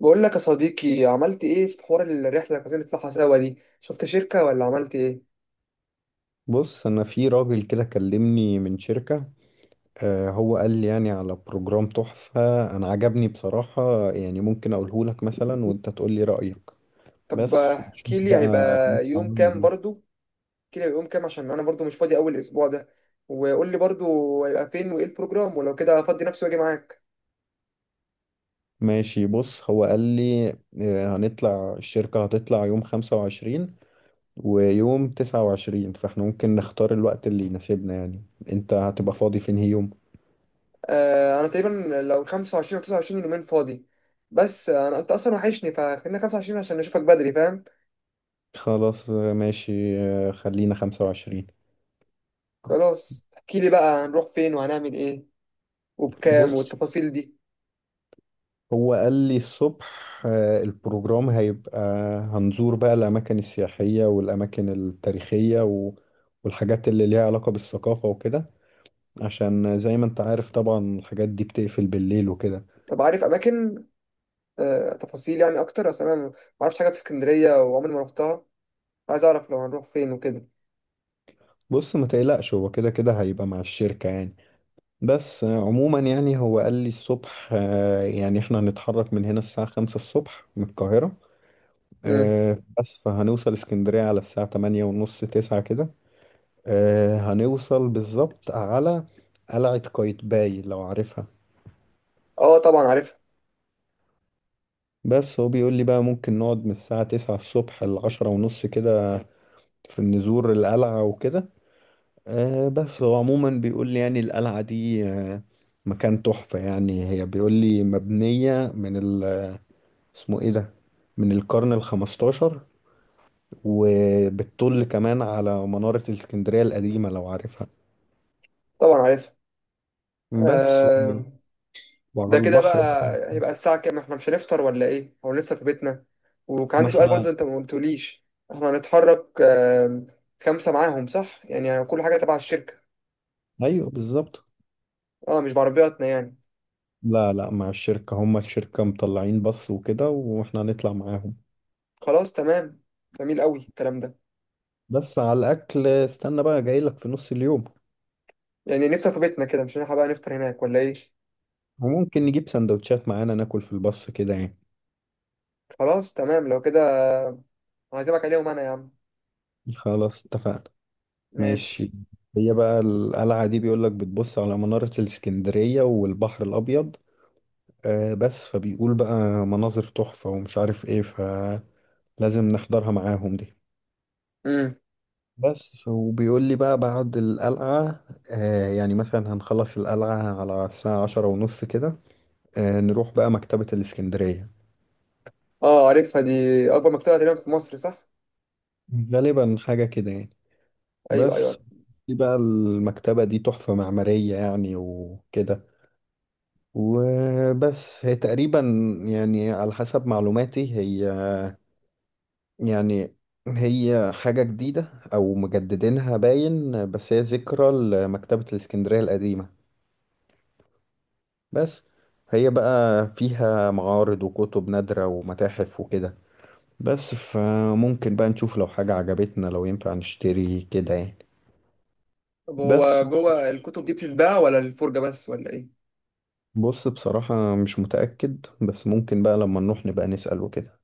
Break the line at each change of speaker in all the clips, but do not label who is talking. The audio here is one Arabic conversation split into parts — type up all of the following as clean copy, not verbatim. بقول لك يا صديقي، عملت ايه في حوار الرحله اللي عايزين نطلعها سوا دي؟ شفت شركه ولا عملت ايه؟
بص انا في راجل كده كلمني من شركة. هو قال لي يعني على بروجرام تحفة. انا عجبني بصراحة، يعني ممكن اقوله لك مثلا وانت تقول لي رأيك.
طب
بس ونشوف
احكي لي، هيبقى
بقى.
يوم
تمام
كام
والله.
برضو؟ احكي لي هيبقى يوم كام، عشان انا برضو مش فاضي اول اسبوع ده. وقول لي برضو هيبقى فين وايه البروجرام، ولو كده افضي نفسي واجي معاك.
ماشي، بص هو قال لي هنطلع. الشركة هتطلع يوم 25 ويوم 29، فاحنا ممكن نختار الوقت اللي يناسبنا يعني. انت هتبقى فاضي في انهي يوم؟
انا تقريبا، لو 25 او 29 يومين فاضي. بس انا، انت اصلا وحشني، فخلينا 25 عشان نشوفك بدري، فاهم؟
خلاص ماشي خلينا 25.
خلاص، احكي لي بقى، هنروح فين وهنعمل ايه؟ وبكام
بص
والتفاصيل دي؟
هو قال لي الصبح، البروجرام هيبقى هنزور بقى الأماكن السياحية والأماكن التاريخية والحاجات اللي ليها علاقة بالثقافة وكده، عشان زي ما انت عارف طبعا الحاجات دي بتقفل بالليل وكده.
طب، عارف اماكن؟ تفاصيل يعني اكتر، اصل انا ما اعرفش حاجه في اسكندريه، وعمري ما رحتها. عايز اعرف لو هنروح فين وكده.
بص ما تقلقش، هو كده كده هيبقى مع الشركة يعني. بس عموما يعني هو قال لي الصبح يعني احنا هنتحرك من هنا الساعة 5 الصبح من القاهرة.
امم.
بس فهنوصل اسكندرية على الساعة 8:30 9 كده. هنوصل بالظبط على قلعة قايتباي، لو عارفها.
اه، طبعا عارفها.
بس هو بيقول لي بقى ممكن نقعد من الساعة 9 الصبح لعشرة ونص كده، في نزور القلعة وكده. بس هو عموما بيقول لي يعني القلعة دي مكان تحفة، يعني هي بيقول لي مبنية من اسمه ايه ده، من القرن 15، وبتطل كمان على منارة الاسكندرية القديمة لو عارفها.
طبعا عارفها.
بس و-
آه.
وعلى
ده كده
البحر بقى.
بقى هيبقى الساعه كام؟ احنا مش هنفطر ولا ايه، او نفطر في بيتنا؟ وكان
ما
عندي سؤال
احنا
برضو، انت ما قلتوليش. احنا هنتحرك، خمسه معاهم صح يعني, كل حاجه تبع الشركه؟
ايوه بالظبط.
اه، مش بعربياتنا يعني.
لا لا، مع الشركة، هما الشركة مطلعين بص وكده، واحنا هنطلع معاهم.
خلاص، تمام. جميل قوي الكلام ده.
بس على الأكل استنى بقى، جايلك في نص اليوم.
يعني نفطر في بيتنا كده؟ مش هنلحق بقى نفطر هناك ولا ايه؟
وممكن نجيب سندوتشات معانا ناكل في البص كده يعني.
خلاص، تمام لو كده. هعزمك عليهم انا يا عم.
خلاص اتفقنا.
ماشي.
ماشي. هي بقى القلعة دي بيقولك بتبص على منارة الإسكندرية والبحر الأبيض، بس فبيقول بقى مناظر تحفة ومش عارف ايه، فلازم نحضرها معاهم دي.
امم.
بس وبيقول لي بقى بعد القلعة، يعني مثلا هنخلص القلعة على الساعة 10:30 كده، نروح بقى مكتبة الإسكندرية.
اه، عارفها دي، اكبر مكتبه تقريبا في مصر، صح؟
غالبا حاجة كده يعني،
ايوه،
بس.
ايوه.
دي بقى المكتبة دي تحفة معمارية يعني وكده، وبس. هي تقريبا يعني على حسب معلوماتي، هي يعني هي حاجة جديدة أو مجددينها باين، بس هي ذكرى لمكتبة الإسكندرية القديمة، بس. هي بقى فيها معارض وكتب نادرة ومتاحف وكده، بس فممكن بقى نشوف لو حاجة عجبتنا، لو ينفع نشتري كده يعني،
طب
بس.
هو جوه الكتب دي بتتباع، ولا الفرجه بس، ولا ايه؟
بص بصراحة مش متأكد، بس ممكن بقى لما نروح نبقى نسأل وكده.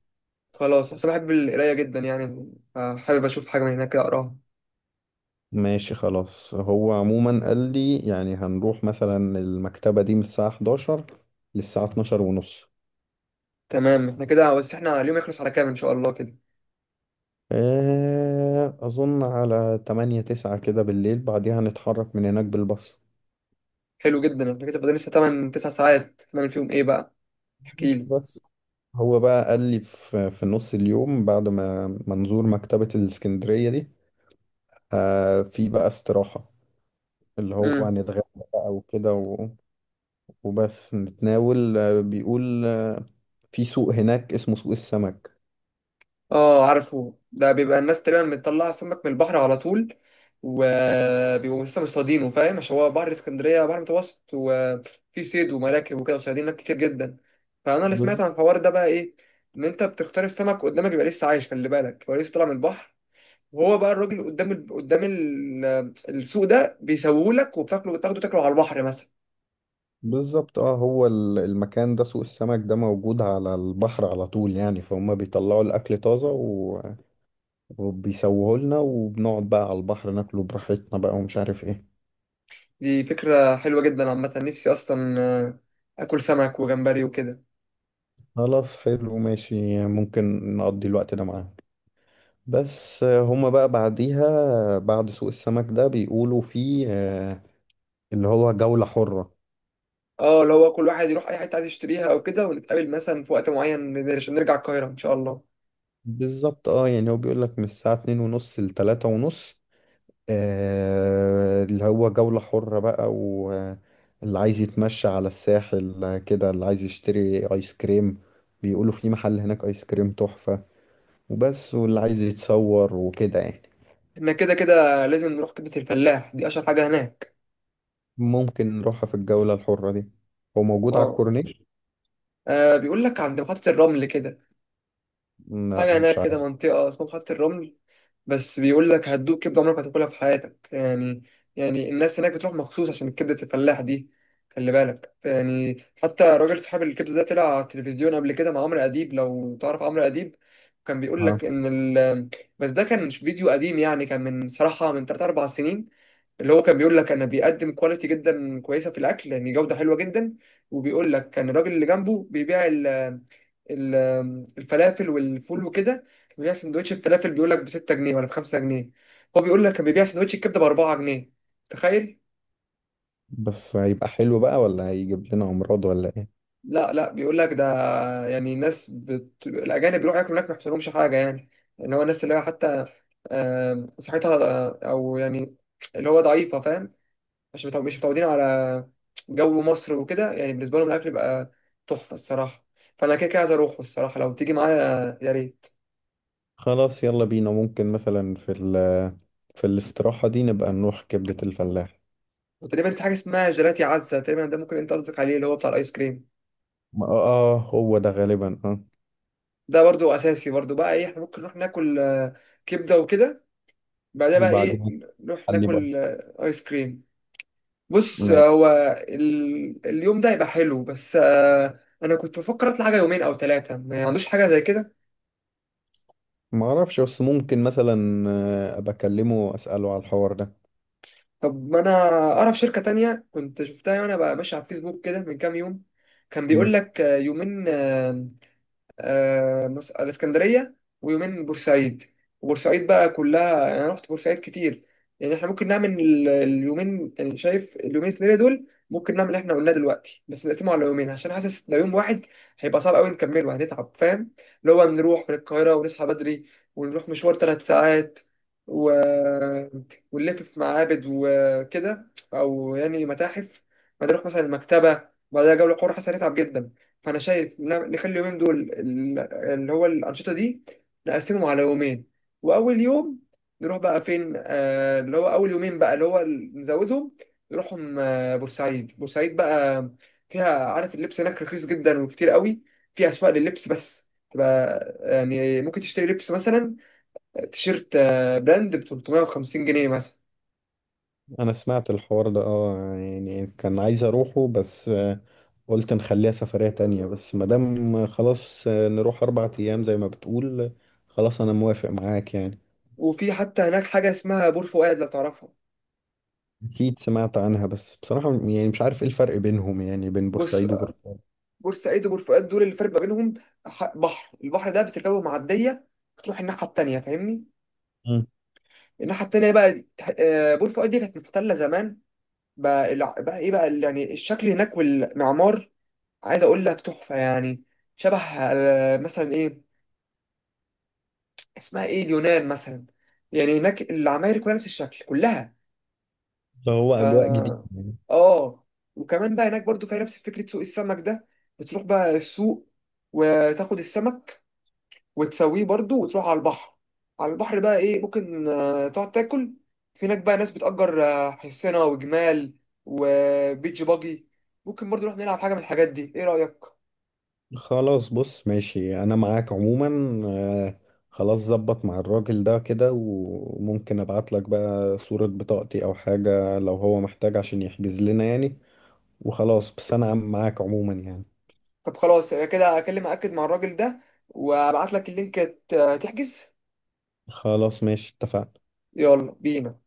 خلاص، اصل أنا بحب القرايه جدا، يعني حابب اشوف حاجه من هناك كده اقراها.
ماشي خلاص، هو عموما قال لي يعني هنروح مثلا المكتبة دي من الساعة 11 للساعة 12 ونص.
تمام، احنا كده، بس احنا اليوم يخلص على كام ان شاء الله كده؟
أظن على 8 9 كده بالليل، بعديها هنتحرك من هناك بالباص.
حلو جدا، احنا كده فاضل لسه 8 9 ساعات، نعمل فيهم ايه بقى؟
بالظبط
احكي.
بس، هو بقى قال لي في نص اليوم بعد ما منظور مكتبة الإسكندرية دي، في بقى استراحة اللي هو
لي
هنتغدى بقى وكده وبس نتناول، بيقول في سوق هناك اسمه سوق السمك.
اه، عارفه ده، بيبقى الناس تقريبا بتطلع سمك من البحر على طول، وبيبقوا لسه مصطادينه، فاهم؟ عشان هو بحر اسكندريه بحر متوسط، وفي صيد ومراكب وكده، وصيادين هناك كتير جدا. فانا اللي سمعت
بز-
عن الحوار ده بقى ايه، ان انت بتختار السمك قدامك يبقى لسه عايش، خلي بالك هو لسه طالع من البحر. وهو بقى الراجل السوق ده بيسووه لك، وبتاكله، بتاخده تاكله على البحر مثلا.
بالظبط. اه هو المكان ده سوق السمك ده موجود على البحر على طول، يعني فهم بيطلعوا الأكل طازة وبيسووه لنا وبنقعد بقى على البحر ناكله براحتنا بقى، ومش عارف ايه.
دي فكره حلوه جدا، عامه نفسي اصلا اكل سمك وجمبري وكده.
خلاص حلو ماشي، ممكن نقضي الوقت ده معاه. بس هما بقى بعديها بعد سوق السمك ده بيقولوا فيه اللي هو جولة حرة.
اه، لو هو كل واحد يروح اي حته عايز يشتريها او كده، ونتقابل مثلا في وقت معين عشان نرجع القاهره ان شاء الله.
بالظبط اه، يعني هو بيقولك من الساعة 2:30 لتلاتة ونص، اللي هو جولة حرة بقى، واللي عايز يتمشى على الساحل كده، اللي عايز يشتري ايس كريم بيقولوا في محل هناك ايس كريم تحفة، وبس، واللي عايز يتصور وكده يعني.
احنا كده كده لازم نروح كبده الفلاح، دي اشهر حاجه هناك.
ممكن نروحها في الجولة الحرة دي. هو موجود على
اه.
الكورنيش؟
بيقول لك عند محطه الرمل كده،
لا،
حاجه هناك
مش
كده، منطقه اسمها محطه الرمل. بس بيقول لك هتدوق كبده عمرك ما هتاكلها في حياتك يعني. يعني الناس هناك بتروح مخصوص عشان كبده الفلاح دي. خلي بالك، يعني حتى راجل صاحب الكبده ده طلع على التلفزيون قبل كده مع عمرو اديب، لو تعرف عمرو اديب. كان بيقول
عارف.
لك ان ال... بس ده كان مش فيديو قديم، يعني كان من صراحه من 3 4 سنين. اللي هو كان بيقول لك انا بيقدم كواليتي جدا كويسه في الاكل، يعني جوده حلوه جدا. وبيقول لك كان الراجل اللي جنبه بيبيع ال الفلافل والفول وكده، كان بيبيع سندوتش الفلافل بيقول لك ب 6 جنيه ولا ب 5 جنيه. هو بيقول لك كان بيبيع سندوتش الكبده ب 4 جنيه، تخيل.
بس هيبقى حلو بقى ولا هيجيب لنا امراض ولا ايه؟
لا، لا، بيقول لك ده، يعني الناس الاجانب بيروحوا ياكلوا هناك ما يحصلهمش حاجه يعني. اللي هو الناس اللي هي حتى صحتها، او يعني اللي هو ضعيفه، فاهم؟ عشان مش متعودين على جو مصر وكده، يعني بالنسبة لهم الأكل بقى تحفة الصراحة. فأنا كده كده عايز أروحه الصراحة، لو تيجي معايا يا ريت.
خلاص يلا بينا، ممكن مثلا في الاستراحة دي نبقى نروح كبدة الفلاح.
وتقريبا في حاجة اسمها جيلاتي عزة تقريبا، ده ممكن أنت قصدك عليه، اللي هو بتاع الآيس كريم.
ما- اه هو ده غالبا اه
ده برضو أساسي، برضو بقى إيه، إحنا ممكن نروح ناكل كبدة وكده. بعدها بقى إيه؟
وبعدين
نروح
علي
ناكل
بايظ.
آيس كريم. بص،
ما
هو اليوم ده هيبقى حلو، بس أنا كنت بفكر أطلع حاجة يومين أو ثلاثة، ما عندوش حاجة زي كده؟
ما اعرفش، بس ممكن مثلا ابقى اكلمه واساله على الحوار ده.
طب ما انا اعرف شركة تانية، كنت شفتها وانا بقى ماشي على الفيسبوك كده من كام يوم. كان
مم.
بيقول لك يومين، الاسكندريه، ويومين بورسعيد. وبورسعيد بقى كلها، يعني انا رحت بورسعيد كتير. يعني احنا ممكن نعمل اليومين، يعني شايف اليومين الاسكندريه دول ممكن نعمل اللي احنا قلناه دلوقتي، بس نقسمه على يومين، عشان حاسس لو يوم واحد هيبقى صعب قوي نكمله، هنتعب فاهم. اللي هو نروح من القاهره ونصحى بدري، ونروح مشوار ثلاث ساعات، و... ونلف في معابد وكده او يعني متاحف، بعدين نروح مثلا المكتبه، بعدها جوله، قرى حاسس هنتعب جدا. فانا شايف نخلي اليومين دول، اللي هو الانشطه دي نقسمهم على يومين. واول يوم نروح بقى فين، اللي هو اول يومين بقى، اللي هو نزودهم، نروحهم بورسعيد. بورسعيد بقى فيها، عارف اللبس هناك رخيص جدا وكتير قوي، في اسواق لللبس بس. تبقى يعني ممكن تشتري لبس مثلا، تيشيرت براند ب 350 جنيه مثلا.
انا سمعت الحوار ده، اه يعني كان عايز اروحه، بس قلت نخليها سفرية تانية، بس مادام خلاص نروح 4 ايام زي ما بتقول، خلاص انا موافق معاك يعني.
وفي حتى هناك حاجه اسمها بور فؤاد، لو تعرفها.
أكيد سمعت عنها، بس بصراحة يعني مش عارف إيه الفرق بينهم، يعني بين
بص،
بورسعيد وبورسعيد.
بورسعيد وبور فؤاد، دول اللي فرق ما بينهم ح- بحر البحر ده بتركبه معديه، بتروح الناحيه التانيه فاهمني.
مم.
الناحيه التانيه بقى بور فؤاد دي كانت محتله زمان، بقى بقى ايه، بقى يعني الشكل هناك والمعمار، عايز اقول لك تحفه يعني. شبه مثلا ايه، اسمها ايه، اليونان مثلا. يعني هناك العماير كلها نفس الشكل كلها.
ده هو أجواء جديدة
ف
يعني.
اه. وكمان بقى هناك برضو فيها نفس فكره سوق السمك ده، بتروح بقى السوق، وتاخد السمك، وتسويه برضو، وتروح على البحر. على البحر بقى ايه، ممكن تقعد تاكل. في هناك بقى ناس بتأجر حصينة وجمال وبيتش باجي، ممكن برضو نروح نلعب حاجة من الحاجات دي، ايه رأيك؟
خلاص بص ماشي، أنا معاك عموما. آه، خلاص ظبط مع الراجل ده كده، وممكن أبعت لك بقى صورة بطاقتي أو حاجة لو هو محتاج عشان يحجز لنا يعني، وخلاص بس أنا معاك عموما يعني.
طب خلاص يبقى كده، اكلم اكد مع الراجل ده، وابعت لك اللينك تحجز.
خلاص ماشي اتفقنا.
يلا بينا.